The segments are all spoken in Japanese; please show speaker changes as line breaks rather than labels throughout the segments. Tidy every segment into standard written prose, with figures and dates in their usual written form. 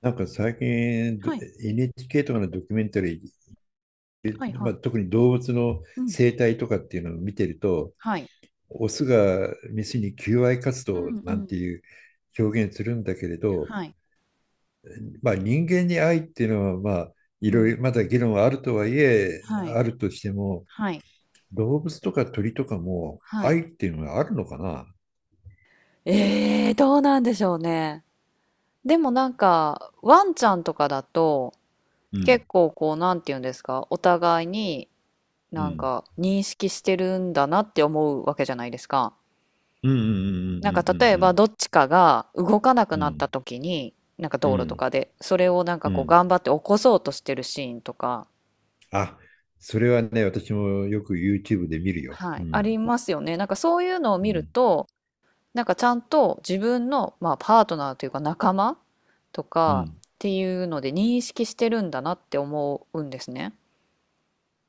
なんか最近
はい。
NHK とかのドキュメンタリ
はい
ー、ま
は
あ、
い。
特に動物の
うん。
生態とかっていうのを見てると、
はい。
オスがメスに求愛活
う
動
んう
なんて
ん。
いう表現するんだけれど、
はい。
まあ、人間に愛っていうのは、まあ、い
う
ろい
ん。
ろまだ議論はあるとはいえ、
はい。
あるとしても、
はい。
動物とか鳥とかも
はい。
愛っていうのはあるのかな。
どうなんでしょうね。でもなんか、ワンちゃんとかだと、結構こう、なんていうんですか、お互いに
う
なん
ん、
か認識してるんだなって思うわけじゃないですか。
うん、うん、
なんか例え
う
ば、
ん、
どっちかが動かなく
うん、う
なった
ん、
時に、なんか
う
道
ん、
路とかで、それをなん
う
か
ん、うん、うん、う
こう、
ん、
頑張って起こそうとしてるシーンとか、
あ、それはね、私もよく YouTube で見るよ。
は
う
い、あ
ん。
りますよね。なんかそういうのを
う
見る
ん。
と、なんかちゃんと自分の、まあ、パートナーというか仲間と
う
かっ
ん。
ていうので認識してるんだなって思うんですね。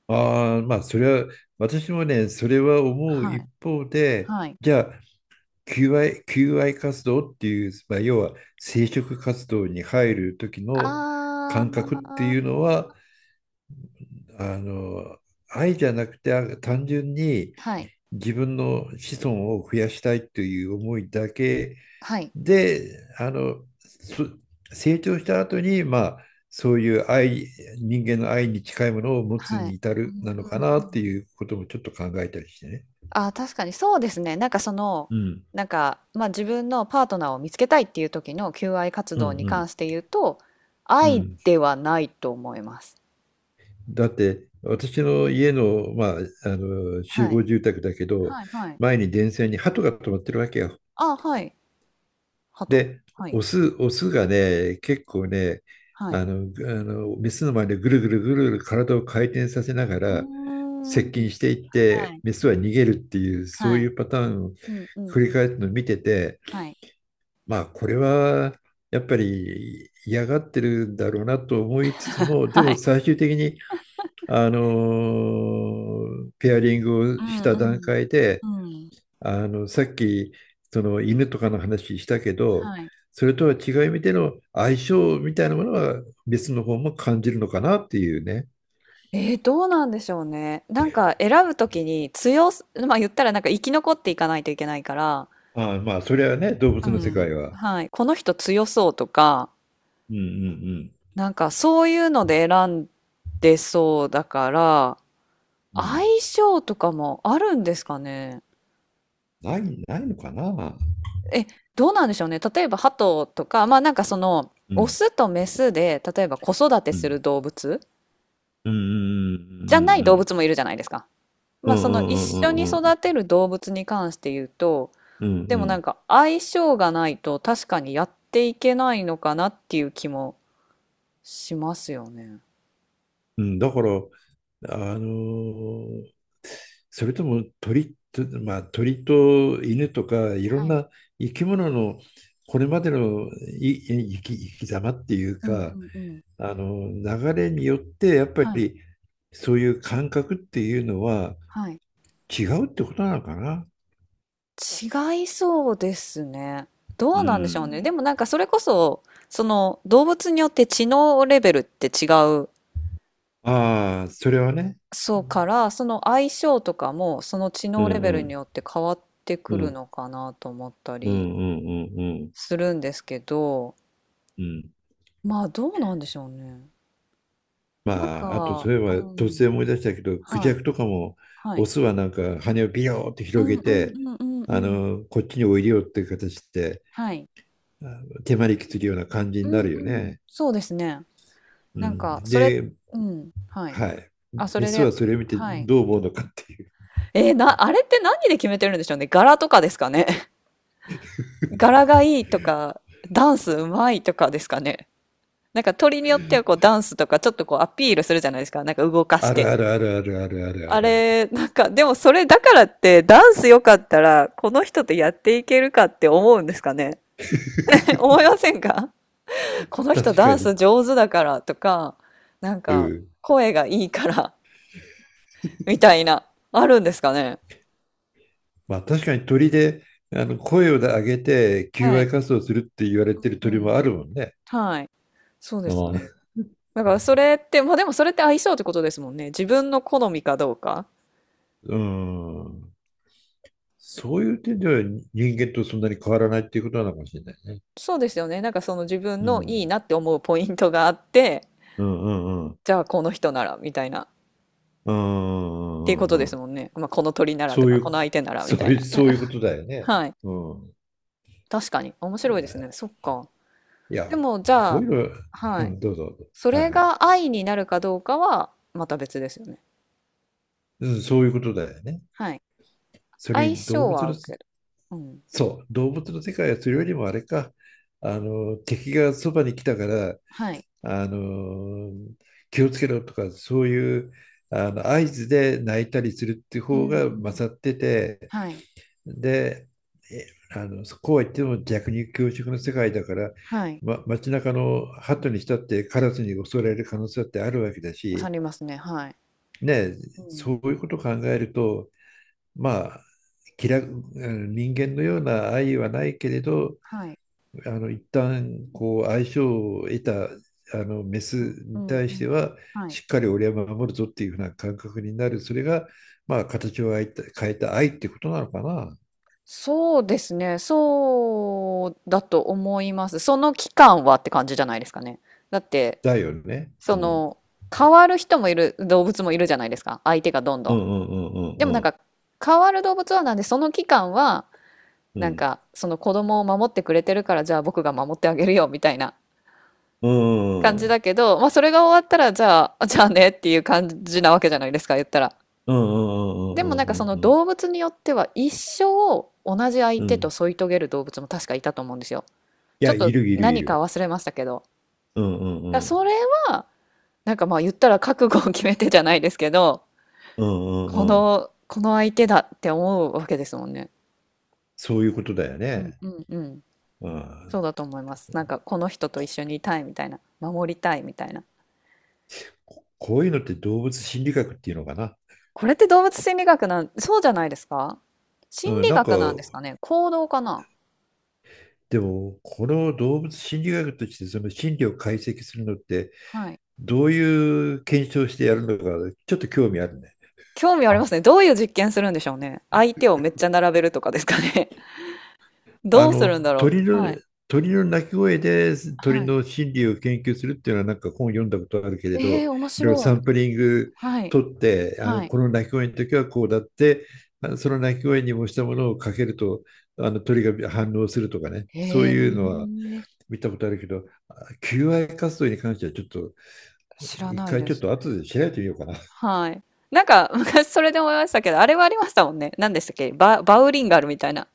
ああ、まあ、それは、私もね、それは思う
は
一
い。
方で、
はい。
じゃあ、求愛活動っていう、まあ、要は生殖活動に入る時の
あ
感覚って
ー、
いうのは、あの、愛じゃなくて、単純に
はい。
自分の子孫を増やしたいという思いだけ
はい。
で、そ成長した後に、まあ、そういう愛、人間の愛に近いものを持つ
は
に
い。
至
う
る
ん
なの
う
か
ん
な
う
って
ん。
いうこともちょっと考えたりしてね。
あー、確かにそうですね。なんかその、
うん、
なんか、まあ、自分のパートナーを見つけたいっていう時の求愛活
うん、う
動に関
ん。
して言うと、
う
愛
ん、
ではないと思います。
だって私の家の、まあ、あの集
は
合
い。
住宅だけど、
はいはい。
前に電線に鳩が止まってるわけよ。
あー、はい。ハト。
で、
はい。
オスがね、結構ね、
は
あ
い。
の、メスの前でぐるぐるぐるぐる体を回転させなが
う
ら
ーん。
接近していっ
は
て、
い。
メスは逃げるっていう、そ
は
うい
い。
うパターンを
うんうん
繰
う
り返
ん。
すのを見てて、
はい。
まあ、これはやっぱり嫌がってるんだろうなと思いつつも、で
は
も
い。
最終的に、ペアリング
う
をし
ん
た
う
段
ん。
階で、
うん。
さっき、その犬とかの話したけど、
はい。
それとは違う意味での相性みたいなものは別の方も感じるのかなっていうね。
どうなんでしょうね。なんか選ぶときに強すま、言ったらなんか生き残っていかないといけないから、
ああ、まあ、それはね、動
う
物の世
ん。
界は。
はい、この人強そうとか、
うんうん
なんかそういうので選んでそうだから、
うん。う
相
ん、
性とかもあるんですかね？
ない、ないのかな。
え、どうなんでしょうね。例えば、ハトとか、まあなんかその、
う
オ
ん
スとメスで、例えば子育て
う
する
ん
動物
うんう
じゃな
ん
い
う
動物
ん
もいるじゃないですか。
う
まあ
ん
そ
う
の
んう
一緒
んう
に
んうん
育てる動物に関して言うと、
うんうんうん
で
う
もな
ん
んか相性がないと確かにやっていけないのかなっていう気もしますよね。
うん、だから、あの、それとも鳥と、まあ、鳥と犬とかいろん
はい。
な生き物のこれまでのい生き、生き様っていう
うんう
か、
んうん。
あの流れによってやっぱ
はい。
りそういう感覚っていうのは
はい。
違うってことなのかな。
違いそうですね。
う
どうなんでしょうね。で
ん。
もなんかそれこそ、その動物によって知能レベルって違う
ああ、それはね。
そうから、その相性とかもその知
うん
能
う
レベルに
ん
よって変わって
う
くる
ん
のかなと思った
う
り
んうんうんうん
するんですけど、
うん。
まあどうなんでしょうね。なん
まあ、あとそ
か、
ういえ
う
ば突
ん、
然思い出したけど、クジ
は
ャ
い、
クとかも、
は
オ
い。
スはなんか羽をビヨーって
う
広げ
んうんう
て、
んうんうん。
こっちにおいでよっていう形で、
はい。
あ手招きするような感じ
う
にな
んう
るよ
ん。
ね。
そうですね。
う
なんか、
ん、
それ、
で、
うん、はい。
はい。
あ、そ
メ
れ
ス
で、
はそれを見て
はい。
どう思うのかっていう。
えーな、あれって何で決めてるんでしょうね。柄とかですかね。柄がいいとか、ダンスうまいとかですかね。なんか鳥によってはこうダンスとかちょっとこうアピールするじゃないですか。なんか動かし
あるある
て。
あるあるあるあるあ
あ
るある。
れ、なんか、でもそれだからってダンス良かったらこの人とやっていけるかって思うんですかね。 思いま せんか、この人
確
ダ
か
ンス
に。
上手だからとか、なん
う
か
ん。
声がいいからみたいな、あるんですかね。
まあ確かに鳥で、声を上げて求
は
愛
い。
活動するって言われてる
うん
鳥
う
も
ん。
あるもんね。
はい。そうで
あ
すね。
あ、
だからそれって、まあでもそれって相性ってことですもんね。自分の好みかどうか。
うん。そういう点では人間とそんなに変わらないっていうことなのかもしれないね。
そうですよね。なんかその自分
う
の
ん。
いいなって思うポイントがあって、
うんうんうん。
じゃあこの人ならみたいな、っ
うんう
ていう
ん
こ
う
とで
んう
す
ん。
もんね。まあ、この鳥なら
そ
と
うい
か、この
う、
相手なら
そ
み
う
たい
いう、
な。
そういうことだよ ね。
はい。
うん。
確かに。面
い
白いで
や、
すね。そっか。
いや、
でも、じゃ
こう
あ、
いう
は
の、う
い。
ん、どうぞ。
そ
はい
れ
はい。
が愛になるかどうかは、また別ですよね。
うん、そういうことだよね。
はい。
それ
相
に動
性
物
は合
の、
うけど。うん。
そう、動物の世界はそれよりもあれか、敵がそばに来たから、
はい。
あの気をつけろとかそういうあの合図で泣いたりするっていう
う
方
んう
が
ん。
勝ってて、
はい。
で、こうは言っても逆に教職の世界だから、
はい。
ま、街中の鳩にしたってカラスに襲われる可能性だってあるわけだ
刺さ
し、
りますね。はい。
ね、
うん。
そういうことを考えると、まあ、気楽、人間のような愛はないけれど、
はい。
一旦こう相性を得たあのメス
はい。う
に
んう
対して
ん。
は
はい。
しっかり俺は守るぞっていうふうな感覚になる、それがまあ形を変えた、変えた愛ってことなのかな。
そうですね。そうだと思います。その期間はって感じじゃないですかね。だって、
だよね。う
そ
ん。
の、変わる人もいる、動物もいるじゃないですか。相手がどんど
うん
ん。
うん
で
う
も
ん
な
う
ん
ん
か、変わる動物はなんで、その期間は、
う
なん
ん
か、その子供を守ってくれてるから、じゃあ僕が守ってあげるよ、みたいな
うんう
感
んうん
じ
うん
だけど、まあそれが終わったら、じゃあ、あじゃあねっていう感じなわけじゃないですか、言ったら。
うんう
でもなん
んう
かそ
ん
の
うんうん、
動物によっては、一生同じ相手と添い遂げる動物も確かいたと思うんですよ。
い
ちょ
や、
っ
い
と
るいるい
何か
る。
忘れましたけど。
うんう
だから
んうん
それは、なんかまあ言ったら覚悟を決めてじゃないですけど、
うんう
こ
んうん、
の、この相手だって思うわけですもんね。
そういうことだよ
うん
ね。
うんうん。
う
そう
ん、
だと思います。なんかこの人と一緒にいたいみたいな、守りたいみたいな。
こういうのって動物心理学っていうのかな。
これって動物心理学そうじゃないですか。心
うん、
理
なんか、
学なんですかね、行動かな。
でも、この動物心理学としてその心理を解析するのって、
はい。
どういう検証してやるのか、ちょっと興味あるね。
興味ありますね。どういう実験するんでしょうね。相手をめっちゃ並べるとかですかね。
あ
どうす
の、
るんだろ
鳥
う。は
の、
い。
鳥の鳴き声で鳥
はい。
の心理を研究するっていうのはなんか本読んだことあるけれ
え
ど、
えー、面
いろいろ
白
サ
い。
ンプリング
はい。
取って、
はい。
この鳴き声の時はこうだって、その鳴き声に模したものをかけると、あの鳥が反応するとかね。
へ
そう
え、
いうのは見たことあるけど、求愛活動に関してはちょっと
知ら
一
ない
回
で
ちょっ
す
と後
ね。
で調べてみようかな。
はい。なんか 昔それで思いましたけど、あれはありましたもんね。何でしたっけバウリンガルみたいな。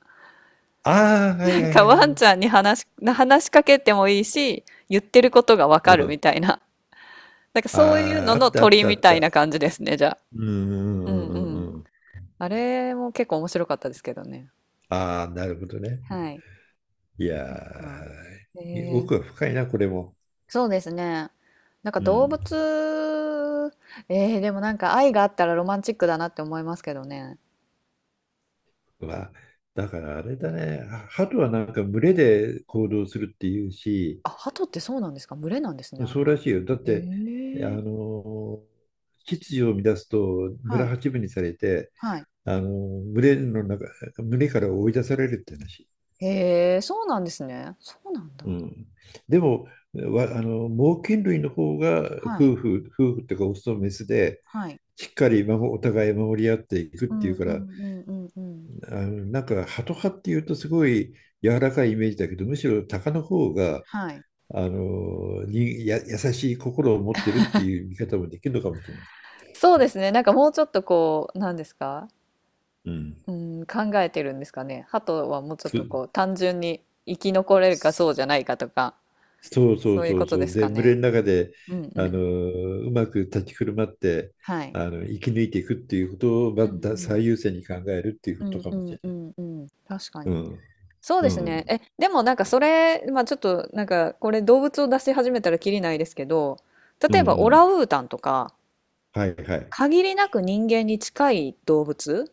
ああ、は
な
いは
ん
い
かワ
は
ン
い。
ちゃんに話しかけてもいいし、言ってることがわ
う
かるみ
ん。
たいな。なんかそういう
あ
の
あ、あ
の
ったあっ
鳥
たあ
み
っ
たい
た。
な感じですね、じゃ
うんう
あ。うん
んう
う
んう
ん。
んうん。
あれも結構面白かったですけどね。
ああ、なるほどね。
はい。
い
あ、
やー、
え
奥が
ー、
深いな、これも。
そうですね。なんか
う
動
ん。
物、でもなんか愛があったらロマンチックだなって思いますけどね。
まあ、だからあれだね。鳩はなんか群れで行動するっていうし。
あ、鳩ってそうなんですか？群れなんですね、あ
そう
れ。
らしいよ。だって、あ
ええ。
のー、秩序を乱すと
は
村
い、
八分にされて、
はい。
あのー、群れの中、群れから追い出されるって話。
へえ、そうなんですね。そうなんだ。
うん、でもあの猛禽類の方が
はい、
夫婦っていうかオスとメスで
はい。
しっかりお互い守り合っていくっ
う
て
ん
いうか
う
ら、
んうんうんうん。
なんかハト派っていうとすごい柔らかいイメージだけど、むしろ鷹の方が
はい。
あのにや優しい心を持ってるっていう見方もできるのかもしれない。
そうですね、なんかもうちょっとこう、なんですか、
うん、
うーん、考えてるんですかね。鳩はもうちょっ
そ
とこう、単純に生き残れるかそうじゃないかとか、
そうそ
そ
う
ういう
そ
こ
う
と
そ
で
う。
す
で、
か
群れ
ね。
の中で、
うんう
あの
ん。
うまく立ち振る舞って、
はい。
生き抜いていくっていうことを、ま
う
ず
ん
だ
うん。
最優先に考えるっていうこ
う
と
ん
か
う
もし
ん
れ
う
ない。
んうん。確か
う
に。
ん。
そう
う
ですね。
ん。
え、でもなんかそれ、まあちょっとなんかこれ動物を出し始めたらきりないですけど、
うん。
例え
う
ばオラ
ん、
ンウータンとか、
はいはい。
限りなく人間に近い動物っ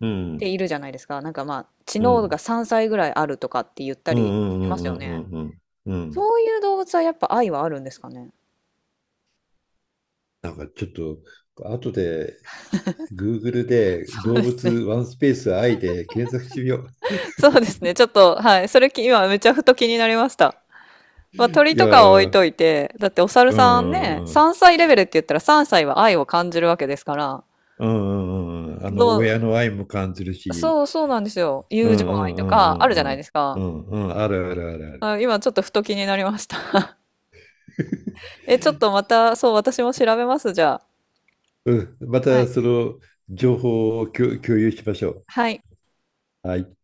う
て
ん。
いるじゃないですか。なんかまあ知
う
能が
ん。
3歳ぐらいあるとかって言った
うんう
りし
ん
ます
う
よ
んう
ね。
んうんうんうん。
そういう動物はやっぱ愛はあるんですかね。
なんかちょっと、後で、Google で
そう
動
です
物
ね。
ワンスペース愛で検索してみよ
そうですね。ちょっと、はい。それき今めちゃふと気になりました。
う。
まあ
い
鳥
や
とかは置い
ー、
といて、だってお猿
う
さん
んう
ね、
んうん。
3歳レベルって言ったら3歳は愛を感じるわけですから、
うんうんうんうん。
ど
親
う
の愛も感じるし、
そう、そうなんですよ。
う
友情
んう
愛
んう
とかあ
ん
る
う
じゃない
ん
です
う
か。
んうんうん、あるあるあるある。
あ、今ちょっとふと気になりました。え、ちょっとまた、そう、私も調べます、じゃあ。
うん、ま
は
た
い。
その情報を共有しましょう。
はい。
はい。